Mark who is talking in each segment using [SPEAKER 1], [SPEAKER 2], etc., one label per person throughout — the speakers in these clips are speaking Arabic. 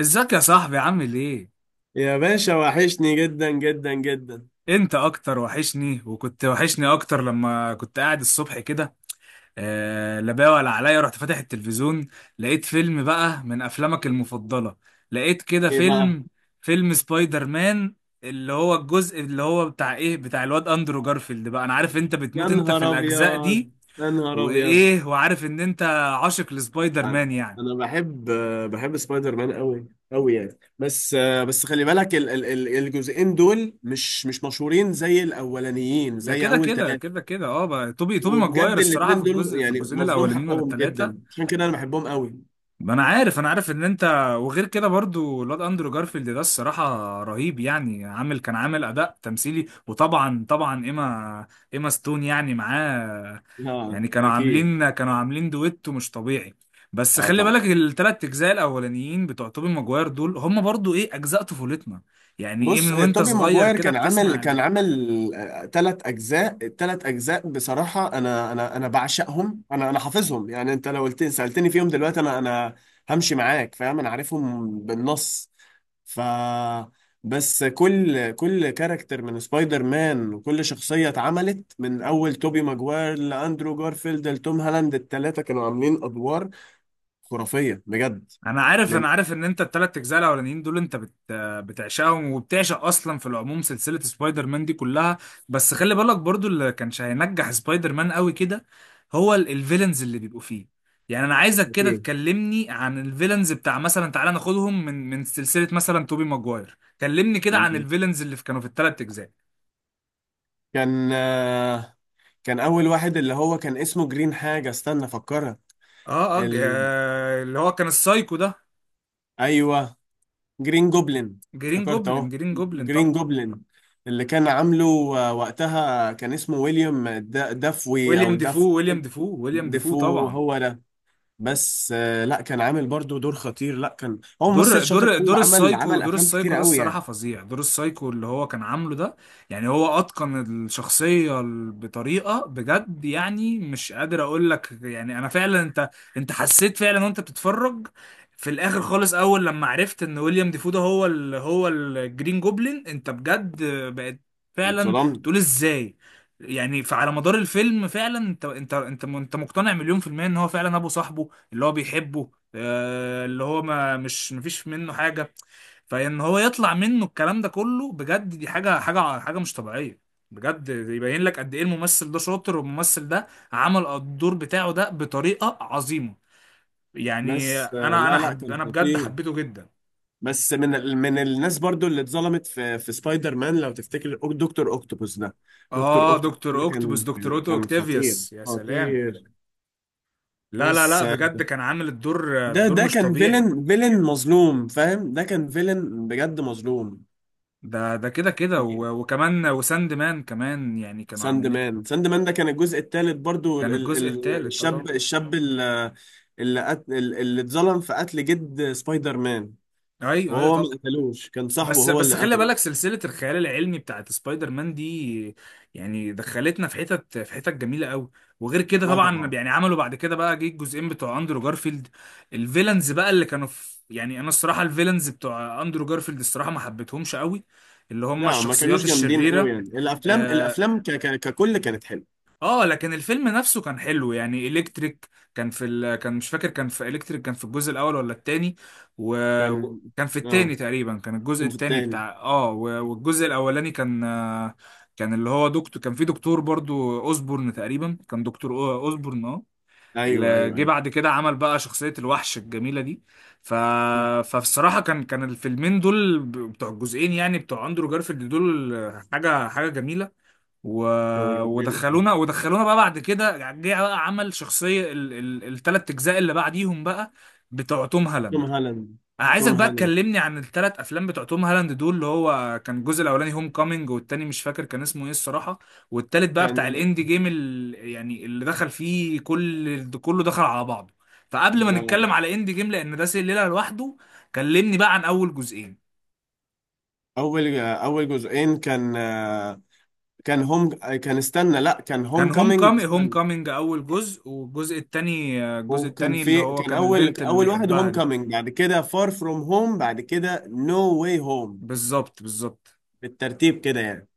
[SPEAKER 1] ازيك يا صاحبي عامل ايه؟
[SPEAKER 2] يا باشا، وحشني جدا جدا جدا.
[SPEAKER 1] انت اكتر وحشني وكنت وحشني اكتر لما كنت قاعد الصبح كده. آه لا بقى، ولا عليا رحت فاتح التلفزيون، لقيت فيلم بقى من افلامك المفضلة. لقيت كده
[SPEAKER 2] ايه بقى؟
[SPEAKER 1] فيلم فيلم سبايدر مان، اللي هو الجزء اللي هو بتاع ايه، بتاع الواد اندرو جارفيلد بقى. انا عارف انت
[SPEAKER 2] يا
[SPEAKER 1] بتموت انت في
[SPEAKER 2] نهار
[SPEAKER 1] الاجزاء
[SPEAKER 2] ابيض!
[SPEAKER 1] دي،
[SPEAKER 2] يا نهار ابيض!
[SPEAKER 1] وايه وعارف ان انت عاشق لسبايدر
[SPEAKER 2] انا
[SPEAKER 1] مان يعني.
[SPEAKER 2] أنا بحب سبايدر مان قوي قوي يعني، بس. بس خلي بالك الجزئين دول مش مشهورين زي الاولانيين،
[SPEAKER 1] ده
[SPEAKER 2] زي
[SPEAKER 1] كده
[SPEAKER 2] اول
[SPEAKER 1] كده
[SPEAKER 2] ثلاثة.
[SPEAKER 1] كده كده اه بقى، توبي ماجواير
[SPEAKER 2] وبجد
[SPEAKER 1] الصراحة في
[SPEAKER 2] الاتنين دول
[SPEAKER 1] الجزء، في
[SPEAKER 2] يعني
[SPEAKER 1] الجزئين
[SPEAKER 2] مظلوم
[SPEAKER 1] الاولانيين ولا
[SPEAKER 2] حقهم جدا،
[SPEAKER 1] التلاتة.
[SPEAKER 2] عشان كده انا بحبهم قوي.
[SPEAKER 1] ما انا عارف ان انت. وغير كده برضو الواد اندرو جارفيلد ده الصراحه رهيب، يعني عامل، كان عامل اداء تمثيلي، وطبعا ايما، ستون يعني معاه.
[SPEAKER 2] اه،
[SPEAKER 1] يعني كانوا
[SPEAKER 2] اكيد.
[SPEAKER 1] عاملين، دويتو مش طبيعي. بس
[SPEAKER 2] اه،
[SPEAKER 1] خلي
[SPEAKER 2] طبعا.
[SPEAKER 1] بالك الثلاث اجزاء الاولانيين بتوع توبي ماجواير دول هم برضو ايه، اجزاء طفولتنا. يعني ايه، من
[SPEAKER 2] بص،
[SPEAKER 1] وانت
[SPEAKER 2] توبي
[SPEAKER 1] صغير
[SPEAKER 2] ماجواير
[SPEAKER 1] كده
[SPEAKER 2] كان عامل
[SPEAKER 1] بتسمع.
[SPEAKER 2] كان عامل ثلاث اجزاء. الثلاث اجزاء بصراحه انا بعشقهم، انا حافظهم يعني. انت لو قلت سالتني فيهم دلوقتي، انا همشي معاك، فاهم؟ انا عارفهم بالنص. ف بس كل كاركتر من سبايدر مان وكل شخصيه اتعملت من اول توبي ماجواير لاندرو جارفيلد لتوم هالاند، الثلاثه كانوا عاملين ادوار خرافيه بجد.
[SPEAKER 1] انا عارف
[SPEAKER 2] من
[SPEAKER 1] انا عارف ان انت التلات اجزاء الاولانيين دول انت بت بتعشقهم، وبتعشق اصلا في العموم سلسله سبايدر مان دي كلها. بس خلي بالك برضو، اللي كانش هينجح سبايدر مان قوي كده هو الفيلنز اللي بيبقوا فيه. يعني انا عايزك كده
[SPEAKER 2] أوكي.
[SPEAKER 1] تكلمني عن الفيلنز بتاع مثلا، تعالى ناخدهم من سلسله مثلا توبي ماجواير. كلمني كده عن الفيلنز كانوا في التلات اجزاء.
[SPEAKER 2] كان آه، كان اول واحد اللي هو كان اسمه جرين حاجة، استنى افكرها. ال...
[SPEAKER 1] اللي هو كان السايكو ده.
[SPEAKER 2] ايوه، جرين جوبلin.
[SPEAKER 1] جرين
[SPEAKER 2] افتكرت
[SPEAKER 1] جوبلin
[SPEAKER 2] اهو.
[SPEAKER 1] جرين جوبلin طبعا.
[SPEAKER 2] جرين جوبلin اللي كان عامله. وقتها كان اسمه ويليام دافوي او
[SPEAKER 1] ويليام
[SPEAKER 2] داف،
[SPEAKER 1] ديفو ويليام ديفو ويليام ديفو
[SPEAKER 2] ديفو
[SPEAKER 1] طبعا.
[SPEAKER 2] هو ده. بس لا، كان عامل برضو دور خطير. لا، كان هو ممثل
[SPEAKER 1] دور
[SPEAKER 2] شاطر
[SPEAKER 1] دور
[SPEAKER 2] قوي
[SPEAKER 1] دور
[SPEAKER 2] وعمل
[SPEAKER 1] السايكو،
[SPEAKER 2] عمل افلام كتير
[SPEAKER 1] ده
[SPEAKER 2] قوي
[SPEAKER 1] الصراحة
[SPEAKER 2] يعني.
[SPEAKER 1] فظيع. دور السايكو اللي هو كان عامله ده، يعني هو أتقن الشخصية بطريقة بجد. يعني مش قادر أقول لك. يعني أنا فعلا أنت، حسيت فعلا وأنت بتتفرج. في الآخر خالص، أول لما عرفت إن ويليام ديفو ده هو ال هو الجرين جوبلين، أنت بجد بقت فعلا
[SPEAKER 2] اتصدمت.
[SPEAKER 1] تقول إزاي. يعني فعلى مدار الفيلم فعلا انت مقتنع مليون في المية ان هو فعلا ابو صاحبه اللي هو بيحبه. اللي هو ما، مش مفيش منه حاجة. فإن هو يطلع منه الكلام ده كله بجد، دي حاجة حاجة حاجة مش طبيعية. بجد يبين لك قد إيه الممثل ده شاطر، والممثل ده عمل الدور بتاعه ده بطريقة عظيمة. يعني
[SPEAKER 2] بس
[SPEAKER 1] أنا أنا
[SPEAKER 2] لا لا،
[SPEAKER 1] حب
[SPEAKER 2] كان
[SPEAKER 1] أنا بجد
[SPEAKER 2] خطير.
[SPEAKER 1] حبيته جدا.
[SPEAKER 2] بس من من الناس برضو اللي اتظلمت في سبايدر مان، لو تفتكر، دكتور اوكتوبوس ده. دكتور
[SPEAKER 1] آه
[SPEAKER 2] اوكتوبوس
[SPEAKER 1] دكتور
[SPEAKER 2] ده
[SPEAKER 1] أوكتوبوس،
[SPEAKER 2] كان
[SPEAKER 1] دكتور أوتو
[SPEAKER 2] كان خطير
[SPEAKER 1] أوكتافيوس، يا سلام.
[SPEAKER 2] خطير.
[SPEAKER 1] لا لا
[SPEAKER 2] بس
[SPEAKER 1] لا
[SPEAKER 2] آه،
[SPEAKER 1] بجد، كان عامل الدور،
[SPEAKER 2] ده ده
[SPEAKER 1] مش
[SPEAKER 2] كان
[SPEAKER 1] طبيعي.
[SPEAKER 2] فيلن فيلن مظلوم، فاهم؟ ده كان فيلن بجد مظلوم.
[SPEAKER 1] ده ده كده كده و- وكمان وساند مان كمان، يعني كانوا
[SPEAKER 2] ساند
[SPEAKER 1] عاملين.
[SPEAKER 2] مان، ساند مان ده كان الجزء الثالث برضو،
[SPEAKER 1] كان الجزء الثالث اه طبعا.
[SPEAKER 2] الشاب، الشاب اللي، اللي اتظلم في قتل جد سبايدر مان،
[SPEAKER 1] ايوه ايوه
[SPEAKER 2] وهو ما
[SPEAKER 1] طبعا.
[SPEAKER 2] قتلوش. كان صاحبه
[SPEAKER 1] بس
[SPEAKER 2] هو
[SPEAKER 1] بس
[SPEAKER 2] اللي
[SPEAKER 1] خلي
[SPEAKER 2] قتله.
[SPEAKER 1] بالك سلسله الخيال العلمي بتاعت سبايدر مان دي يعني دخلتنا في حتت، جميله قوي. وغير كده
[SPEAKER 2] لا
[SPEAKER 1] طبعا،
[SPEAKER 2] طبعا.
[SPEAKER 1] يعني عملوا بعد كده بقى، جه الجزئين بتوع اندرو جارفيلد. الفيلنز بقى اللي كانوا في، يعني انا الصراحه الفيلنز بتوع اندرو جارفيلد الصراحه ما حبيتهمش قوي، اللي هم
[SPEAKER 2] لا، ما كانوش
[SPEAKER 1] الشخصيات
[SPEAKER 2] جامدين قوي
[SPEAKER 1] الشريره.
[SPEAKER 2] يعني. الافلام،
[SPEAKER 1] آه،
[SPEAKER 2] ككل كانت حلوه.
[SPEAKER 1] اه لكن الفيلم نفسه كان حلو. يعني الكتريك كان في كان مش فاكر، كان في الكتريك، كان في الجزء الاول ولا التاني.
[SPEAKER 2] كان
[SPEAKER 1] وكان في
[SPEAKER 2] اه
[SPEAKER 1] التاني تقريبا، كان الجزء
[SPEAKER 2] كان في
[SPEAKER 1] التاني
[SPEAKER 2] التاني.
[SPEAKER 1] بتاع اه، والجزء الاولاني كان كان اللي هو دكتور. كان في دكتور برضو اوزبورن تقريبا، كان دكتور اوزبورن اه.
[SPEAKER 2] ايوه، ايوه،
[SPEAKER 1] جه
[SPEAKER 2] ايوه.
[SPEAKER 1] بعد كده عمل بقى شخصية الوحش الجميلة دي. ف...
[SPEAKER 2] م.
[SPEAKER 1] فبصراحة كان الفيلمين دول بتوع الجزئين يعني بتوع اندرو جارفيلد دول حاجة، جميلة. و...
[SPEAKER 2] كانوا جامدين قوي.
[SPEAKER 1] ودخلونا بقى بعد كده، يعني جه بقى عمل شخصية التلات أجزاء اللي بعديهم بقى بتوع توم
[SPEAKER 2] توم
[SPEAKER 1] هالاند.
[SPEAKER 2] هالاند،
[SPEAKER 1] أنا
[SPEAKER 2] توم
[SPEAKER 1] عايزك بقى
[SPEAKER 2] هالاند
[SPEAKER 1] تكلمني عن التلات أفلام بتوع توم هالاند دول. اللي هو كان الجزء الأولاني هوم كامينج، والتاني مش فاكر كان اسمه إيه الصراحة، والتالت بقى بتاع
[SPEAKER 2] كان.
[SPEAKER 1] الإندي جيم يعني اللي دخل فيه كل، كله دخل على بعضه. فقبل ما
[SPEAKER 2] لا.
[SPEAKER 1] نتكلم على إندي جيم، لأن ده سلسلة لوحده، كلمني بقى عن أول جزئين.
[SPEAKER 2] اول جزئين كان، كان هوم، كان، استنى، لا، كان هوم
[SPEAKER 1] كان
[SPEAKER 2] كامينج،
[SPEAKER 1] هوم
[SPEAKER 2] استنى.
[SPEAKER 1] كامينج اول جزء، والجزء التاني، الجزء
[SPEAKER 2] وكان
[SPEAKER 1] التاني اللي
[SPEAKER 2] في
[SPEAKER 1] هو
[SPEAKER 2] كان
[SPEAKER 1] كان
[SPEAKER 2] اول
[SPEAKER 1] البنت اللي
[SPEAKER 2] اول واحد
[SPEAKER 1] بيحبها
[SPEAKER 2] هوم
[SPEAKER 1] دي.
[SPEAKER 2] كامينج، بعد كده فار فروم هوم، بعد كده نو واي هوم.
[SPEAKER 1] بالظبط بالظبط.
[SPEAKER 2] بالترتيب كده يعني.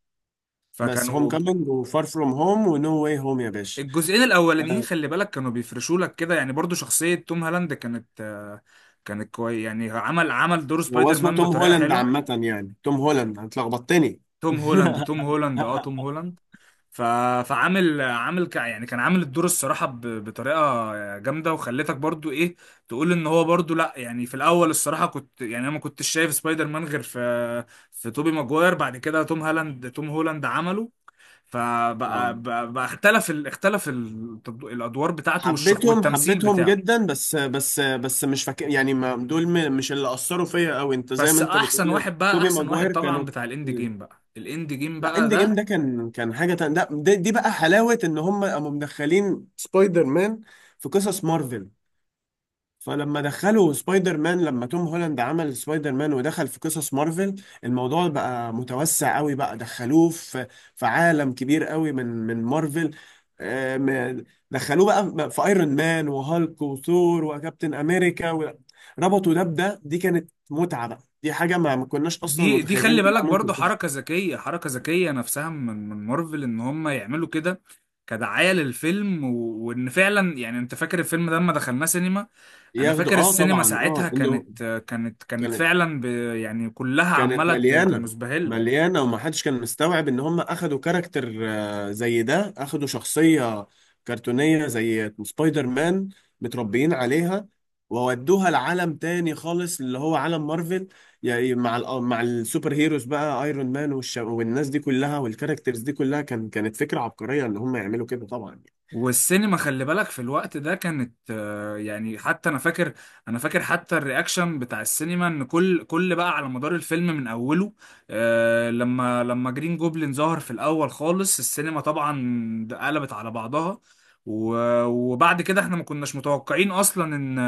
[SPEAKER 2] بس هوم
[SPEAKER 1] فكانوا
[SPEAKER 2] كامينج وفار فروم هوم ونو واي هوم يا باشا.
[SPEAKER 1] الجزئين الاولانيين
[SPEAKER 2] آه،
[SPEAKER 1] خلي بالك كانوا بيفرشوا لك كده. يعني برضو شخصية توم هالاند كانت كانت كويس. يعني عمل دور
[SPEAKER 2] هو
[SPEAKER 1] سبايدر
[SPEAKER 2] اسمه
[SPEAKER 1] مان
[SPEAKER 2] توم
[SPEAKER 1] بطريقة
[SPEAKER 2] هولاند
[SPEAKER 1] حلوة.
[SPEAKER 2] عامة يعني. توم هولاند، انت لخبطتني.
[SPEAKER 1] توم هولاند توم هولاند اه توم هولاند. ف... فعامل، يعني كان عامل الدور الصراحة بطريقة جامدة، وخلتك برضو ايه تقول ان هو برضو لا. يعني في الاول الصراحة كنت، يعني انا ما كنتش شايف سبايدر مان غير في، توبي ماجواير. بعد كده توم هالاند توم هولاند عمله.
[SPEAKER 2] آه.
[SPEAKER 1] فبقى بقى... بقى اختلف الادوار بتاعته،
[SPEAKER 2] حبيتهم،
[SPEAKER 1] والتمثيل
[SPEAKER 2] حبيتهم
[SPEAKER 1] بتاعه.
[SPEAKER 2] جدا، بس مش فاكر يعني. ما دول مش اللي أثروا فيا قوي، انت زي
[SPEAKER 1] بس
[SPEAKER 2] ما انت
[SPEAKER 1] احسن
[SPEAKER 2] بتقول.
[SPEAKER 1] واحد بقى،
[SPEAKER 2] توبي
[SPEAKER 1] احسن واحد
[SPEAKER 2] ماجواير
[SPEAKER 1] طبعا
[SPEAKER 2] كانوا.
[SPEAKER 1] بتاع الاند جيم بقى، الاند جيم
[SPEAKER 2] لا،
[SPEAKER 1] بقى
[SPEAKER 2] اند جيم
[SPEAKER 1] ده.
[SPEAKER 2] ده كان حاجة تانية. دي بقى حلاوة ان هم قاموا مدخلين سبايدر مان في قصص مارفل. فلما دخلوا سبايدر مان، لما توم هولاند عمل سبايدر مان ودخل في قصص مارفل، الموضوع بقى متوسع قوي، بقى دخلوه في عالم كبير قوي من مارفل. آه، م- دخلوه بقى في ايرون مان وهالك وثور وكابتن امريكا، ربطوا ده بده. دي كانت متعة بقى، دي حاجة ما كناش اصلا
[SPEAKER 1] دي دي
[SPEAKER 2] متخيلين
[SPEAKER 1] خلي
[SPEAKER 2] انها
[SPEAKER 1] بالك برضو
[SPEAKER 2] ممكن
[SPEAKER 1] حركة
[SPEAKER 2] تحصل.
[SPEAKER 1] ذكية، نفسها من مارفل ان هم يعملوا كده كدعاية للفيلم. وان فعلا يعني انت فاكر الفيلم ده لما دخلناه سينما. انا
[SPEAKER 2] ياخدوا،
[SPEAKER 1] فاكر
[SPEAKER 2] اه
[SPEAKER 1] السينما
[SPEAKER 2] طبعا،
[SPEAKER 1] ساعتها
[SPEAKER 2] انه
[SPEAKER 1] كانت، كانت
[SPEAKER 2] كانت
[SPEAKER 1] فعلا يعني كلها
[SPEAKER 2] كانت
[SPEAKER 1] عمالة
[SPEAKER 2] مليانة.
[SPEAKER 1] مزبهلة.
[SPEAKER 2] مليانة، ومحدش كان مستوعب ان هم اخدوا كاركتر زي ده، اخدوا شخصية كرتونية زي سبايدر مان، متربيين عليها، وودوها لعالم تاني خالص اللي هو عالم مارفل. يعني مع مع السوبر هيروز بقى، ايرون مان والناس دي كلها والكاركترز دي كلها، كانت فكرة عبقرية ان هم يعملوا كده طبعا.
[SPEAKER 1] والسينما خلي بالك في الوقت ده كانت يعني حتى انا فاكر، حتى الرياكشن بتاع السينما. ان كل بقى على مدار الفيلم من اوله لما، جرين جوبلين ظهر في الاول خالص، السينما طبعا قلبت على بعضها. وبعد كده احنا ما كناش متوقعين اصلا ان،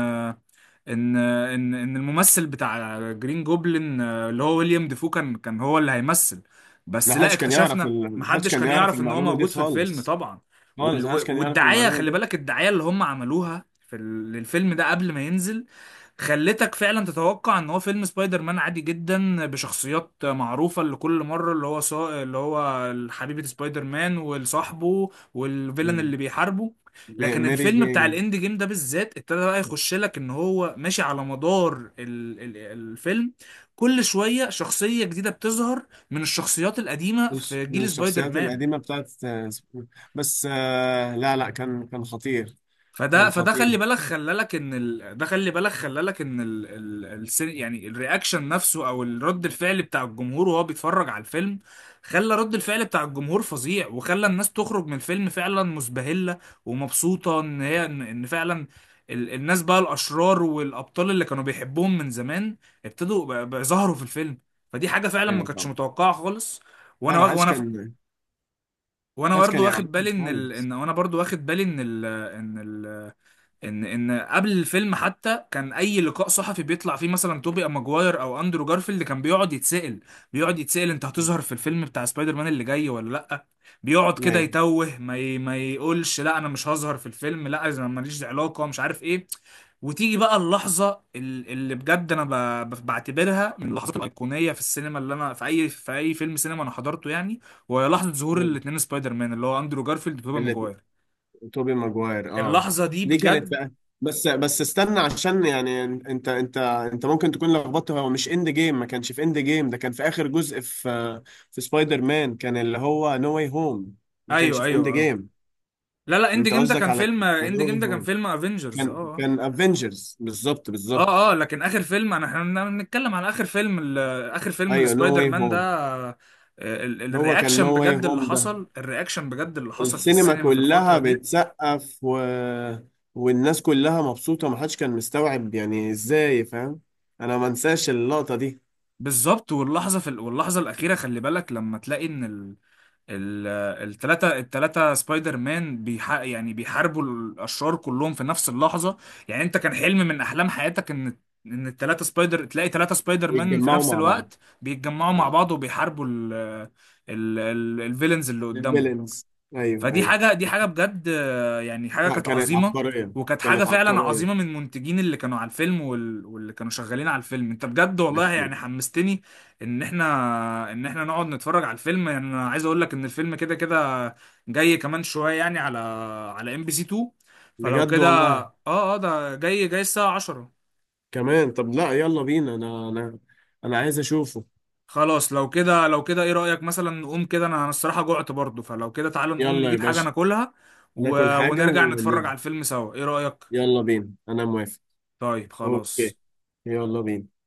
[SPEAKER 1] الممثل بتاع جرين جوبلin اللي هو ويليام ديفو كان هو اللي هيمثل. بس لا اكتشفنا.
[SPEAKER 2] محدش
[SPEAKER 1] محدش
[SPEAKER 2] كان
[SPEAKER 1] كان
[SPEAKER 2] يعرف
[SPEAKER 1] يعرف ان هو
[SPEAKER 2] المعلومة دي
[SPEAKER 1] موجود في الفيلم
[SPEAKER 2] خالص.
[SPEAKER 1] طبعا.
[SPEAKER 2] خالص محدش كان يعرف
[SPEAKER 1] والدعاية
[SPEAKER 2] المعلومة
[SPEAKER 1] خلي
[SPEAKER 2] دي.
[SPEAKER 1] بالك، الدعاية اللي هم عملوها في للفيلم ده قبل ما ينزل، خلتك فعلا تتوقع ان هو فيلم سبايدر مان عادي جدا بشخصيات معروفه اللي كل مره. اللي هو اللي هو حبيبه سبايدر مان وصاحبه، والفيلن
[SPEAKER 2] مم.
[SPEAKER 1] اللي بيحاربه. لكن
[SPEAKER 2] ميري
[SPEAKER 1] الفيلم بتاع
[SPEAKER 2] جين.
[SPEAKER 1] الاند جيم ده بالذات ابتدى بقى يخش لك ان هو ماشي على مدار الفيلم. كل شويه شخصيه جديده بتظهر من الشخصيات القديمه في
[SPEAKER 2] من
[SPEAKER 1] جيل سبايدر
[SPEAKER 2] الشخصيات
[SPEAKER 1] مان.
[SPEAKER 2] القديمة بتاعت، بس لا لا، كان خطير.
[SPEAKER 1] فده
[SPEAKER 2] كان
[SPEAKER 1] فده
[SPEAKER 2] خطير.
[SPEAKER 1] خلي بالك، خلالك ان ال... ده خلي بالك خلالك ان ال... ال... السن... يعني الرياكشن نفسه او الرد الفعل بتاع الجمهور وهو بيتفرج على الفيلم خلى رد الفعل بتاع الجمهور فظيع، وخلى الناس تخرج من الفيلم فعلا مسبهلة ومبسوطة. ان هي ان إن فعلا الناس بقى، الاشرار والابطال اللي كانوا بيحبوهم من زمان، ابتدوا بقى ظهروا في الفيلم. فدي حاجة فعلا ما
[SPEAKER 2] ايوه
[SPEAKER 1] كانتش
[SPEAKER 2] طبعا.
[SPEAKER 1] متوقعة خالص.
[SPEAKER 2] لا،
[SPEAKER 1] وانا
[SPEAKER 2] انا
[SPEAKER 1] واخ... وانا ف... وانا
[SPEAKER 2] حاج
[SPEAKER 1] برضه
[SPEAKER 2] كان
[SPEAKER 1] واخد
[SPEAKER 2] يعرفني
[SPEAKER 1] بالي ان ال...
[SPEAKER 2] خالص.
[SPEAKER 1] ان وانا برضه واخد بالي ان ال... ان ال... ان ان قبل الفيلم حتى، كان اي لقاء صحفي بيطلع فيه مثلا توبي ماجواير او اندرو جارفيلد كان بيقعد يتسأل. انت هتظهر في الفيلم بتاع سبايدر مان اللي جاي ولا لا. بيقعد كده يتوه، ما يقولش لا انا مش هظهر في الفيلم، لا انا ماليش علاقة، مش عارف ايه. وتيجي بقى اللحظة اللي بجد انا بعتبرها من اللحظات الأيقونية في السينما، اللي انا في اي، فيلم سينما انا حضرته يعني. وهي لحظة ظهور
[SPEAKER 2] ايوه،
[SPEAKER 1] الاتنين سبايدر مان اللي هو اندرو جارفيلد وتوبي
[SPEAKER 2] اللي
[SPEAKER 1] ماجواير.
[SPEAKER 2] توبي ماجواير،
[SPEAKER 1] اللحظة دي
[SPEAKER 2] دي كانت
[SPEAKER 1] بجد.
[SPEAKER 2] بقى. بس استنى عشان يعني انت ممكن تكون لخبطت. هو مش اند جيم، ما كانش في اند جيم ده. كان في اخر جزء في سبايدر مان، كان اللي هو نو واي هوم. ما كانش
[SPEAKER 1] ايوه
[SPEAKER 2] في اند
[SPEAKER 1] ايوه اه.
[SPEAKER 2] جيم.
[SPEAKER 1] لا اند
[SPEAKER 2] انت
[SPEAKER 1] جيم ده
[SPEAKER 2] قصدك
[SPEAKER 1] كان
[SPEAKER 2] على
[SPEAKER 1] فيلم، اند
[SPEAKER 2] نو
[SPEAKER 1] جيم
[SPEAKER 2] واي
[SPEAKER 1] ده كان
[SPEAKER 2] هوم.
[SPEAKER 1] فيلم افنجرز
[SPEAKER 2] كان
[SPEAKER 1] اه
[SPEAKER 2] كان افنجرز، بالظبط
[SPEAKER 1] اه
[SPEAKER 2] بالظبط.
[SPEAKER 1] اه. لكن اخر فيلم انا، احنا بنتكلم على اخر فيلم اخر فيلم
[SPEAKER 2] ايوه، نو
[SPEAKER 1] السبايدر
[SPEAKER 2] واي
[SPEAKER 1] مان ده
[SPEAKER 2] هوم. هو كان نو
[SPEAKER 1] الرياكشن
[SPEAKER 2] واي
[SPEAKER 1] بجد اللي
[SPEAKER 2] هوم ده.
[SPEAKER 1] حصل، الرياكشن بجد اللي حصل في
[SPEAKER 2] السينما
[SPEAKER 1] السينما في الفترة
[SPEAKER 2] كلها
[SPEAKER 1] دي.
[SPEAKER 2] بتسقف، والناس كلها مبسوطه، محدش كان مستوعب يعني ازاي، فاهم؟ انا ما انساش اللقطه دي.
[SPEAKER 1] بالظبط. واللحظة في واللحظة الأخيرة خلي بالك لما تلاقي إن ال- التلاتة سبايدر مان يعني بيحاربوا الأشرار كلهم في نفس اللحظة. يعني أنت كان حلم من أحلام حياتك إن، إن التلاتة سبايدر تلاقي تلاتة سبايدر مان في
[SPEAKER 2] يتجمعوا
[SPEAKER 1] نفس
[SPEAKER 2] مع بعض.
[SPEAKER 1] الوقت بيتجمعوا مع
[SPEAKER 2] اه.
[SPEAKER 1] بعض وبيحاربوا ال ال ال الفيلنز اللي قدامهم.
[SPEAKER 2] الفيلنز. ايوه،
[SPEAKER 1] فدي
[SPEAKER 2] ايوه.
[SPEAKER 1] حاجه، دي حاجه بجد يعني حاجه
[SPEAKER 2] لا،
[SPEAKER 1] كانت
[SPEAKER 2] كانت
[SPEAKER 1] عظيمه.
[SPEAKER 2] عبقريه.
[SPEAKER 1] وكانت حاجه
[SPEAKER 2] كانت
[SPEAKER 1] فعلا عظيمه من
[SPEAKER 2] عبقريه.
[SPEAKER 1] المنتجين اللي كانوا على الفيلم، واللي كانوا شغالين على الفيلم. انت بجد والله يعني
[SPEAKER 2] اكيد.
[SPEAKER 1] حمستني ان احنا، نقعد نتفرج على الفيلم. يعني انا عايز اقول لك ان الفيلم كده كده جاي كمان شويه، يعني على MBC 2. فلو
[SPEAKER 2] بجد
[SPEAKER 1] كده،
[SPEAKER 2] والله.
[SPEAKER 1] اه ده جاي الساعه 10.
[SPEAKER 2] كمان، طب لا، يلا بينا، انا، انا عايز اشوفه.
[SPEAKER 1] خلاص لو كده، ايه رايك مثلا نقوم كده. انا الصراحه جوعت برضو، فلو كده تعالوا نقوم
[SPEAKER 2] يلا يا
[SPEAKER 1] نجيب حاجه
[SPEAKER 2] باشا.
[SPEAKER 1] ناكلها،
[SPEAKER 2] ناكل حاجه
[SPEAKER 1] ونرجع نتفرج على
[SPEAKER 2] ونيجي.
[SPEAKER 1] الفيلم سوا. ايه رايك؟
[SPEAKER 2] يلا بينا، انا موافق.
[SPEAKER 1] طيب
[SPEAKER 2] اوكي.
[SPEAKER 1] خلاص.
[SPEAKER 2] يلا بينا.